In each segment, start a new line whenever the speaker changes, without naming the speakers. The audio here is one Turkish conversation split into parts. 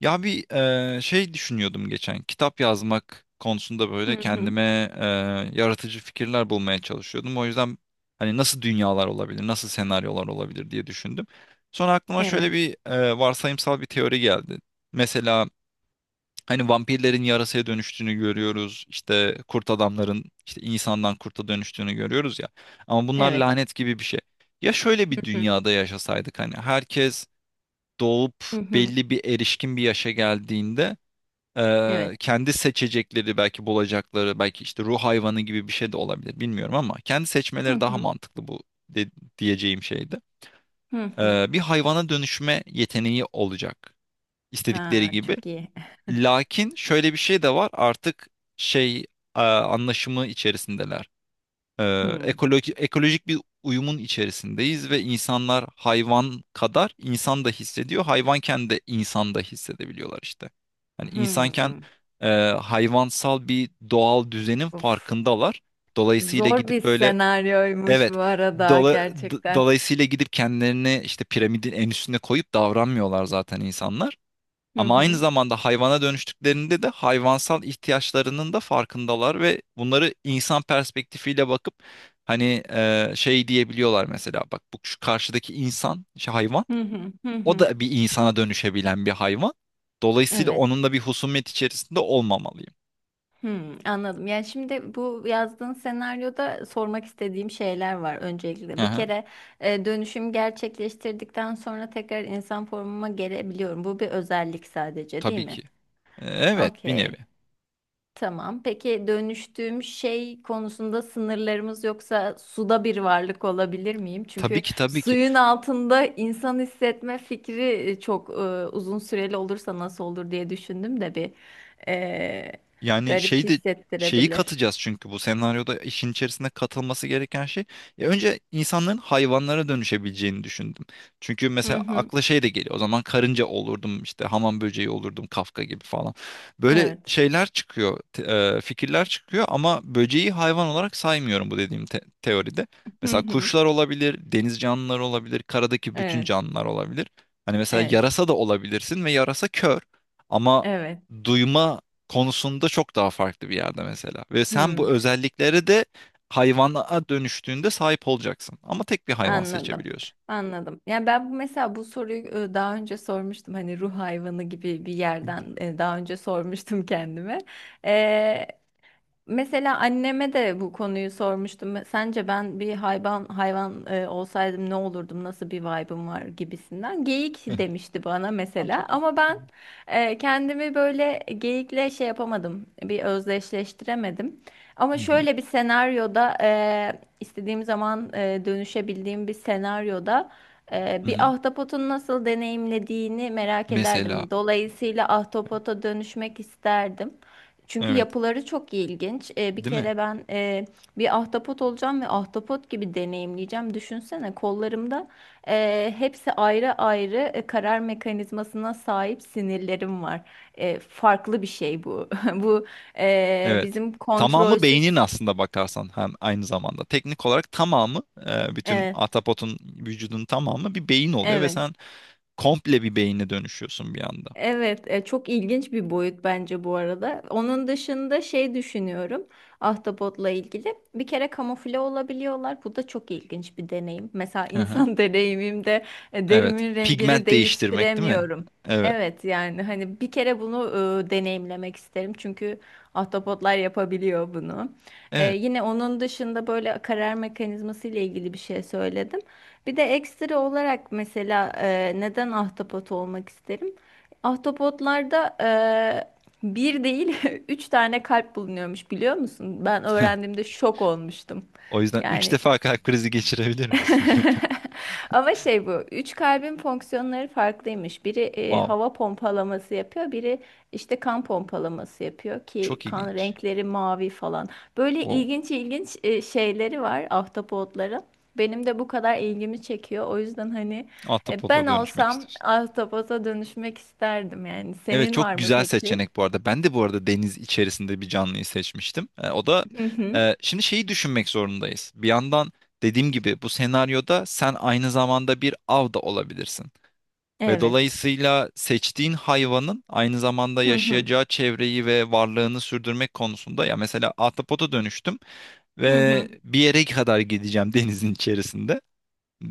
Ya bir şey düşünüyordum geçen. Kitap yazmak konusunda
Hı
böyle
hı.
kendime eee, yaratıcı fikirler bulmaya çalışıyordum. O yüzden hani nasıl dünyalar olabilir, nasıl senaryolar olabilir diye düşündüm. Sonra aklıma
Evet.
şöyle bir varsayımsal bir teori geldi. Mesela hani vampirlerin yarasaya dönüştüğünü görüyoruz. İşte kurt adamların işte insandan kurta dönüştüğünü görüyoruz ya. Ama bunlar
Evet.
lanet gibi bir şey. Ya şöyle bir
Hı hı.
dünyada yaşasaydık, hani herkes doğup
Hı hı.
belli bir erişkin bir yaşa geldiğinde,
Evet.
kendi seçecekleri, belki bulacakları, belki işte ruh hayvanı gibi bir şey de olabilir, bilmiyorum, ama kendi
Hı
seçmeleri daha
hı.
mantıklı, bu de- diyeceğim şeydi.
Hı hı.
Bir hayvana dönüşme yeteneği olacak,
Ha,
istedikleri gibi.
çok iyi.
Lakin şöyle bir şey de var artık, şey anlaşımı içerisindeler. Ee,
Hı.
ekoloji, ekolojik bir uyumun içerisindeyiz ve insanlar hayvan kadar insan da hissediyor. Hayvanken de insan da hissedebiliyorlar işte. Hani insanken
Hı.
hayvansal bir doğal düzenin
Of.
farkındalar. Dolayısıyla
Zor bir
gidip böyle,
senaryoymuş
evet,
bu arada gerçekten.
dolayısıyla gidip kendilerini işte piramidin en üstüne koyup davranmıyorlar zaten insanlar.
Hı
Ama aynı
hı.
zamanda hayvana dönüştüklerinde de hayvansal ihtiyaçlarının da farkındalar ve bunları insan perspektifiyle bakıp hani şey diyebiliyorlar, mesela bak, bu şu karşıdaki insan, şu hayvan
Hı hı. Hı
o
hı.
da bir insana dönüşebilen bir hayvan. Dolayısıyla
Evet.
onun da bir husumet içerisinde olmamalıyım.
Hı, anladım. Yani şimdi bu yazdığın senaryoda sormak istediğim şeyler var öncelikle. Bir
Aha,
kere dönüşüm gerçekleştirdikten sonra tekrar insan formuma gelebiliyorum. Bu bir özellik sadece, değil
tabii
mi?
ki. Evet bir
Okey.
nevi.
Tamam. Peki dönüştüğüm şey konusunda sınırlarımız yoksa suda bir varlık olabilir miyim?
Tabii
Çünkü
ki, tabii ki.
suyun altında insan hissetme fikri çok uzun süreli olursa nasıl olur diye düşündüm de bir e,
Yani
garip
şey de şeyi
hissettirebilir.
katacağız çünkü bu senaryoda işin içerisine katılması gereken şey. Ya önce insanların hayvanlara dönüşebileceğini düşündüm. Çünkü
Hı
mesela
hı.
akla şey de geliyor. O zaman karınca olurdum, işte hamam böceği olurdum, Kafka gibi falan. Böyle
Evet.
şeyler çıkıyor, fikirler çıkıyor, ama böceği hayvan olarak saymıyorum bu dediğim teoride.
Hı
Mesela
hı.
kuşlar olabilir, deniz canlıları olabilir, karadaki bütün
Evet.
canlılar olabilir. Hani mesela
Evet.
yarasa da olabilirsin ve yarasa kör ama
Evet.
duyma konusunda çok daha farklı bir yerde mesela. Ve sen bu
Hı.
özelliklere de hayvana dönüştüğünde sahip olacaksın. Ama tek bir hayvan
Anladım.
seçebiliyorsun.
Anladım. Yani ben bu mesela bu soruyu daha önce sormuştum. Hani ruh hayvanı gibi bir
Değil
yerden daha önce sormuştum kendime. Mesela anneme de bu konuyu sormuştum. Sence ben bir hayvan olsaydım ne olurdum? Nasıl bir vibe'ım var gibisinden. Geyik
mi?
demişti bana
Ha,
mesela.
çok iyi.
Ama ben kendimi böyle geyikle şey yapamadım. Bir özdeşleştiremedim. Ama
Hı hı,
şöyle bir senaryoda istediğim zaman dönüşebildiğim bir senaryoda
hı
bir
hı.
ahtapotun nasıl deneyimlediğini merak ederdim.
Mesela.
Dolayısıyla ahtapota dönüşmek isterdim. Çünkü
Evet.
yapıları çok ilginç. Bir
Değil mi?
kere ben bir ahtapot olacağım ve ahtapot gibi deneyimleyeceğim. Düşünsene kollarımda hepsi ayrı ayrı karar mekanizmasına sahip sinirlerim var. Farklı bir şey bu. Bu
Evet.
bizim
Tamamı beynin
kontrolsüz.
aslında bakarsan hem aynı zamanda. Teknik olarak tamamı, bütün
E,
atapotun vücudun tamamı bir beyin oluyor ve
evet.
sen komple bir beyine dönüşüyorsun bir anda.
Evet, çok ilginç bir boyut bence bu arada. Onun dışında şey düşünüyorum ahtapotla ilgili. Bir kere kamufle olabiliyorlar. Bu da çok ilginç bir deneyim. Mesela
Hı hı.
insan deneyimimde
Evet.
derimin rengini
Pigment değiştirmek, değil mi?
değiştiremiyorum.
Evet.
Evet yani hani bir kere bunu deneyimlemek isterim. Çünkü ahtapotlar yapabiliyor bunu.
Evet.
Yine onun dışında böyle karar mekanizması ile ilgili bir şey söyledim. Bir de ekstra olarak mesela neden ahtapot olmak isterim? Ahtapotlarda bir değil üç tane kalp bulunuyormuş biliyor musun? Ben öğrendiğimde şok olmuştum.
O yüzden 3
Yani
defa kalp krizi geçirebilir misin?
Ama şey bu, üç kalbin fonksiyonları farklıymış. Biri
Wow.
hava pompalaması yapıyor, biri işte kan pompalaması yapıyor ki
Çok
kan
ilginç.
renkleri mavi falan. Böyle
Wow.
ilginç ilginç şeyleri var ahtapotların. Benim de bu kadar ilgimi çekiyor. O yüzden hani
Ahtapota
ben
dönüşmek
olsam
istiyorsun.
ahtapota dönüşmek isterdim yani.
Evet,
Senin
çok
var mı
güzel
peki?
seçenek bu arada. Ben de bu arada deniz içerisinde bir canlıyı seçmiştim. O da,
Hı hı.
şimdi şeyi düşünmek zorundayız. Bir yandan dediğim gibi bu senaryoda sen aynı zamanda bir av da olabilirsin. Ve
Evet.
dolayısıyla seçtiğin hayvanın aynı zamanda
Hı hı.
yaşayacağı çevreyi ve varlığını sürdürmek konusunda, ya mesela ahtapota dönüştüm
Hı
ve
hı.
bir yere kadar gideceğim denizin içerisinde.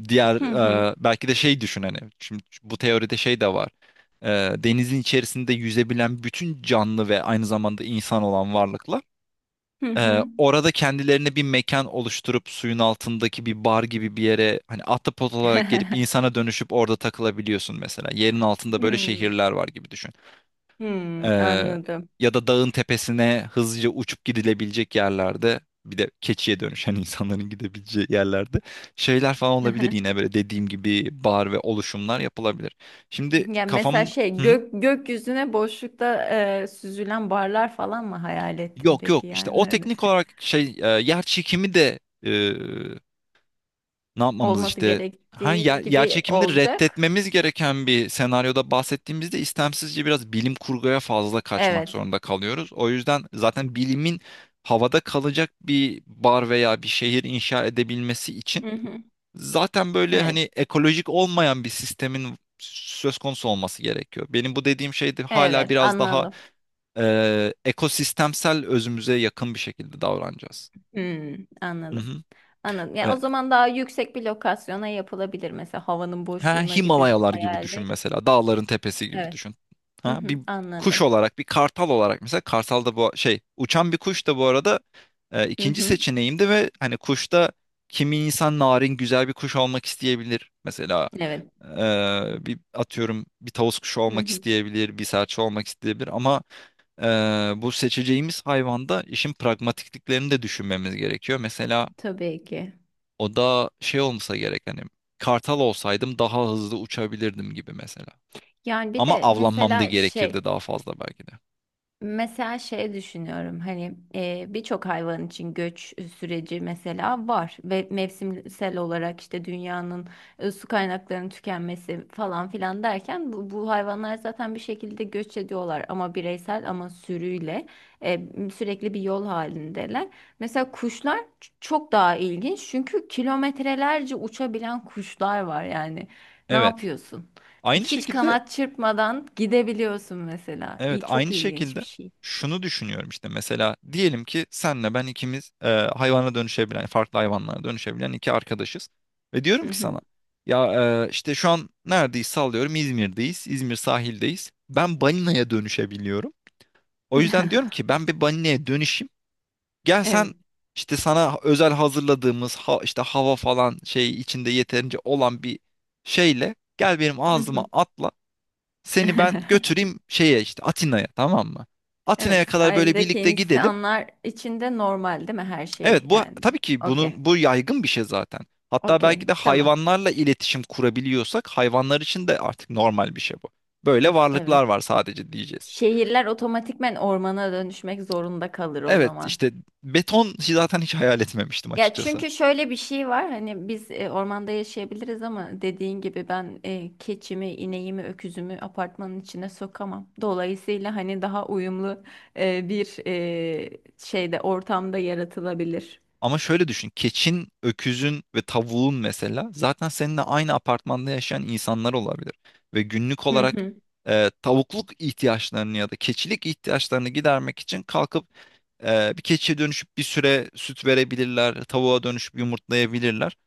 Diğer,
Hı hı.
belki de şey düşün, hani şimdi bu teoride şey de var. E, denizin içerisinde yüzebilen bütün canlı ve aynı zamanda insan olan varlıklar
Hı hı.
orada kendilerine bir mekan oluşturup suyun altındaki bir bar gibi bir yere hani ahtapot olarak gelip insana dönüşüp orada takılabiliyorsun mesela. Yerin altında böyle
Hmm,
şehirler var gibi düşün.
hmm,
Ee,
anladım.
ya da dağın tepesine hızlıca uçup gidilebilecek yerlerde bir de keçiye dönüşen insanların gidebileceği yerlerde şeyler falan
Hı
olabilir,
hı.
yine böyle dediğim gibi bar ve oluşumlar yapılabilir. Şimdi
Yani
kafam.
mesela
Hı
şey
hı.
gökyüzüne boşlukta süzülen barlar falan mı hayal ettin
Yok, yok,
peki
işte o
yani hani
teknik olarak, yer çekimi de, e, Ne yapmamız
olması
işte? Ha, yer,
gerektiği
yer
gibi olacak.
reddetmemiz gereken bir senaryoda bahsettiğimizde istemsizce biraz bilim kurguya fazla kaçmak
Evet.
zorunda kalıyoruz. O yüzden zaten bilimin havada kalacak bir bar veya bir şehir inşa edebilmesi için
Hı hı.
zaten böyle
Evet.
hani ekolojik olmayan bir sistemin söz konusu olması gerekiyor. Benim bu dediğim şey de hala
Evet
biraz daha
anladım.
ekosistemsel özümüze yakın bir şekilde davranacağız.
Hmm,
Hı
anladım.
hı.
Anladım. Yani o
E,
zaman daha yüksek bir lokasyona yapılabilir mesela havanın
Ha,
boşluğuna gibi bir
Himalayalar gibi düşün
hayalde.
mesela. Dağların tepesi gibi
Evet.
düşün.
Hı
Ha, bir
hı,
kuş
anladım.
olarak, bir kartal olarak mesela, kartal da bu şey uçan bir kuş da bu arada
Hı
ikinci
hı.
seçeneğimdi ve hani kuşta kimi insan narin güzel bir kuş olmak isteyebilir. Mesela
Evet.
bir atıyorum bir tavus kuşu
Hı
olmak
hı.
isteyebilir, bir serçe olmak isteyebilir, ama e, bu seçeceğimiz hayvanda işin pragmatikliklerini de düşünmemiz gerekiyor. Mesela
Tabii ki.
o da şey olmasa gerek, hani kartal olsaydım daha hızlı uçabilirdim gibi mesela.
Yani bir
Ama
de
avlanmam da
mesela
gerekirdi
şey
daha fazla belki de.
Mesela şey düşünüyorum hani birçok hayvan için göç süreci mesela var ve mevsimsel olarak işte dünyanın su kaynaklarının tükenmesi falan filan derken bu hayvanlar zaten bir şekilde göç ediyorlar ama bireysel ama sürüyle e, sürekli bir yol halindeler. Mesela kuşlar çok daha ilginç çünkü kilometrelerce uçabilen kuşlar var yani ne
Evet.
yapıyorsun?
Aynı
Hiç
şekilde.
kanat çırpmadan gidebiliyorsun mesela.
Evet,
İyi, çok
aynı
ilginç bir
şekilde
şey.
şunu düşünüyorum işte, mesela diyelim ki senle ben ikimiz hayvana dönüşebilen, farklı hayvanlara dönüşebilen iki arkadaşız ve diyorum
Hı
ki
hı.
sana, ya işte şu an neredeyiz, sallıyorum İzmir'deyiz, İzmir sahildeyiz, ben balinaya dönüşebiliyorum, o yüzden diyorum ki ben bir balinaya dönüşeyim, gel
Evet.
sen işte sana özel hazırladığımız, ha, işte hava falan şey içinde yeterince olan bir şeyle gel, benim
Hı hı.
ağzıma atla, seni ben götüreyim şeye, işte Atina'ya, tamam mı? Atina'ya
Evet,
kadar böyle
sahildeki
birlikte gidelim.
insanlar içinde normal değil mi her
Evet,
şey
bu
yani?
tabii ki, bunu,
Okey.
bu yaygın bir şey zaten. Hatta belki
Okey,
de
tamam.
hayvanlarla iletişim kurabiliyorsak hayvanlar için de artık normal bir şey bu. Böyle
Of
varlıklar
evet.
var sadece diyeceğiz.
Şehirler otomatikmen ormana dönüşmek zorunda kalır o
Evet
zaman.
işte, beton zaten hiç hayal etmemiştim
Ya
açıkçası.
çünkü şöyle bir şey var hani biz ormanda yaşayabiliriz ama dediğin gibi ben keçimi, ineğimi, öküzümü apartmanın içine sokamam. Dolayısıyla hani daha uyumlu bir ortamda yaratılabilir.
Ama şöyle düşün. Keçin, öküzün ve tavuğun mesela zaten seninle aynı apartmanda yaşayan insanlar olabilir. Ve günlük olarak tavukluk ihtiyaçlarını ya da keçilik ihtiyaçlarını gidermek için kalkıp bir keçiye dönüşüp bir süre süt verebilirler, tavuğa dönüşüp yumurtlayabilirler.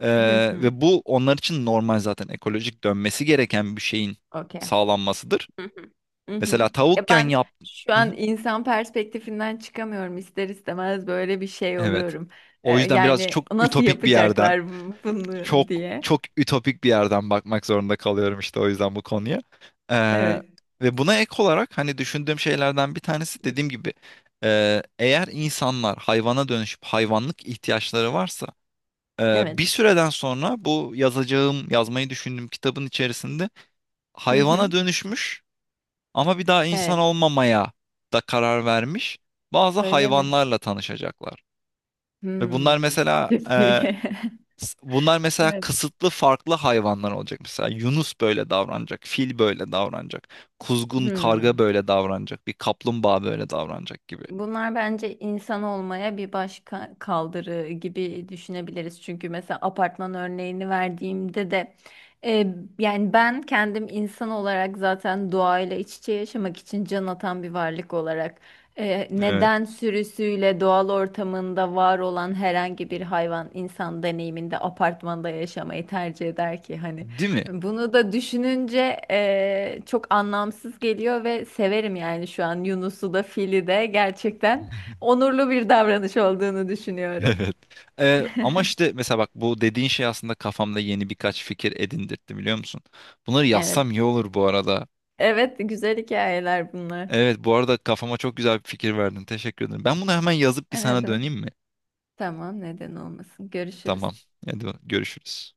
E,
Hı hı.
ve bu onlar için normal, zaten ekolojik dönmesi gereken bir şeyin
Okey.
sağlanmasıdır.
Hı hı. Hı hı.
Mesela
Ya
tavukken
ben
yap.
şu
Hı hı.
an insan perspektifinden çıkamıyorum ister istemez böyle bir şey
Evet.
oluyorum.
O yüzden biraz
Yani
çok
nasıl
ütopik bir yerden,
yapacaklar
çok
bunu diye.
çok ütopik bir yerden bakmak zorunda kalıyorum işte, o yüzden bu konuya. Ee,
Evet.
ve buna ek olarak hani düşündüğüm şeylerden bir tanesi dediğim gibi, eğer insanlar hayvana dönüşüp hayvanlık ihtiyaçları varsa, bir
Evet.
süreden sonra yazmayı düşündüğüm kitabın içerisinde
Hı hı.
hayvana dönüşmüş ama bir daha insan
Evet.
olmamaya da karar vermiş bazı
Öyle mi?
hayvanlarla tanışacaklar. Ve bunlar
Hmm.
mesela,
Çok iyi.
Bunlar mesela
Evet.
kısıtlı farklı hayvanlar olacak. Mesela yunus böyle davranacak, fil böyle davranacak, kuzgun karga
Hmm.
böyle davranacak, bir kaplumbağa böyle davranacak gibi.
Bunlar bence insan olmaya bir başka kaldırı gibi düşünebiliriz. Çünkü mesela apartman örneğini verdiğimde de e, yani ben kendim insan olarak zaten doğayla iç içe yaşamak için can atan bir varlık olarak
Evet.
neden sürüsüyle doğal ortamında var olan herhangi bir hayvan insan deneyiminde apartmanda yaşamayı tercih eder ki? Hani
Değil mi?
bunu da düşününce çok anlamsız geliyor ve severim yani şu an Yunus'u da Fil'i de gerçekten onurlu bir davranış olduğunu düşünüyorum.
Evet. Ama işte mesela bak, bu dediğin şey aslında kafamda yeni birkaç fikir edindirtti, biliyor musun? Bunları yazsam
Evet.
iyi olur bu arada.
Evet, güzel hikayeler bunlar.
Evet, bu arada kafama çok güzel bir fikir verdin. Teşekkür ederim. Ben bunu hemen yazıp bir
Ha, ne
sana
demek?
döneyim mi?
Tamam, neden olmasın. Görüşürüz.
Tamam. Hadi görüşürüz.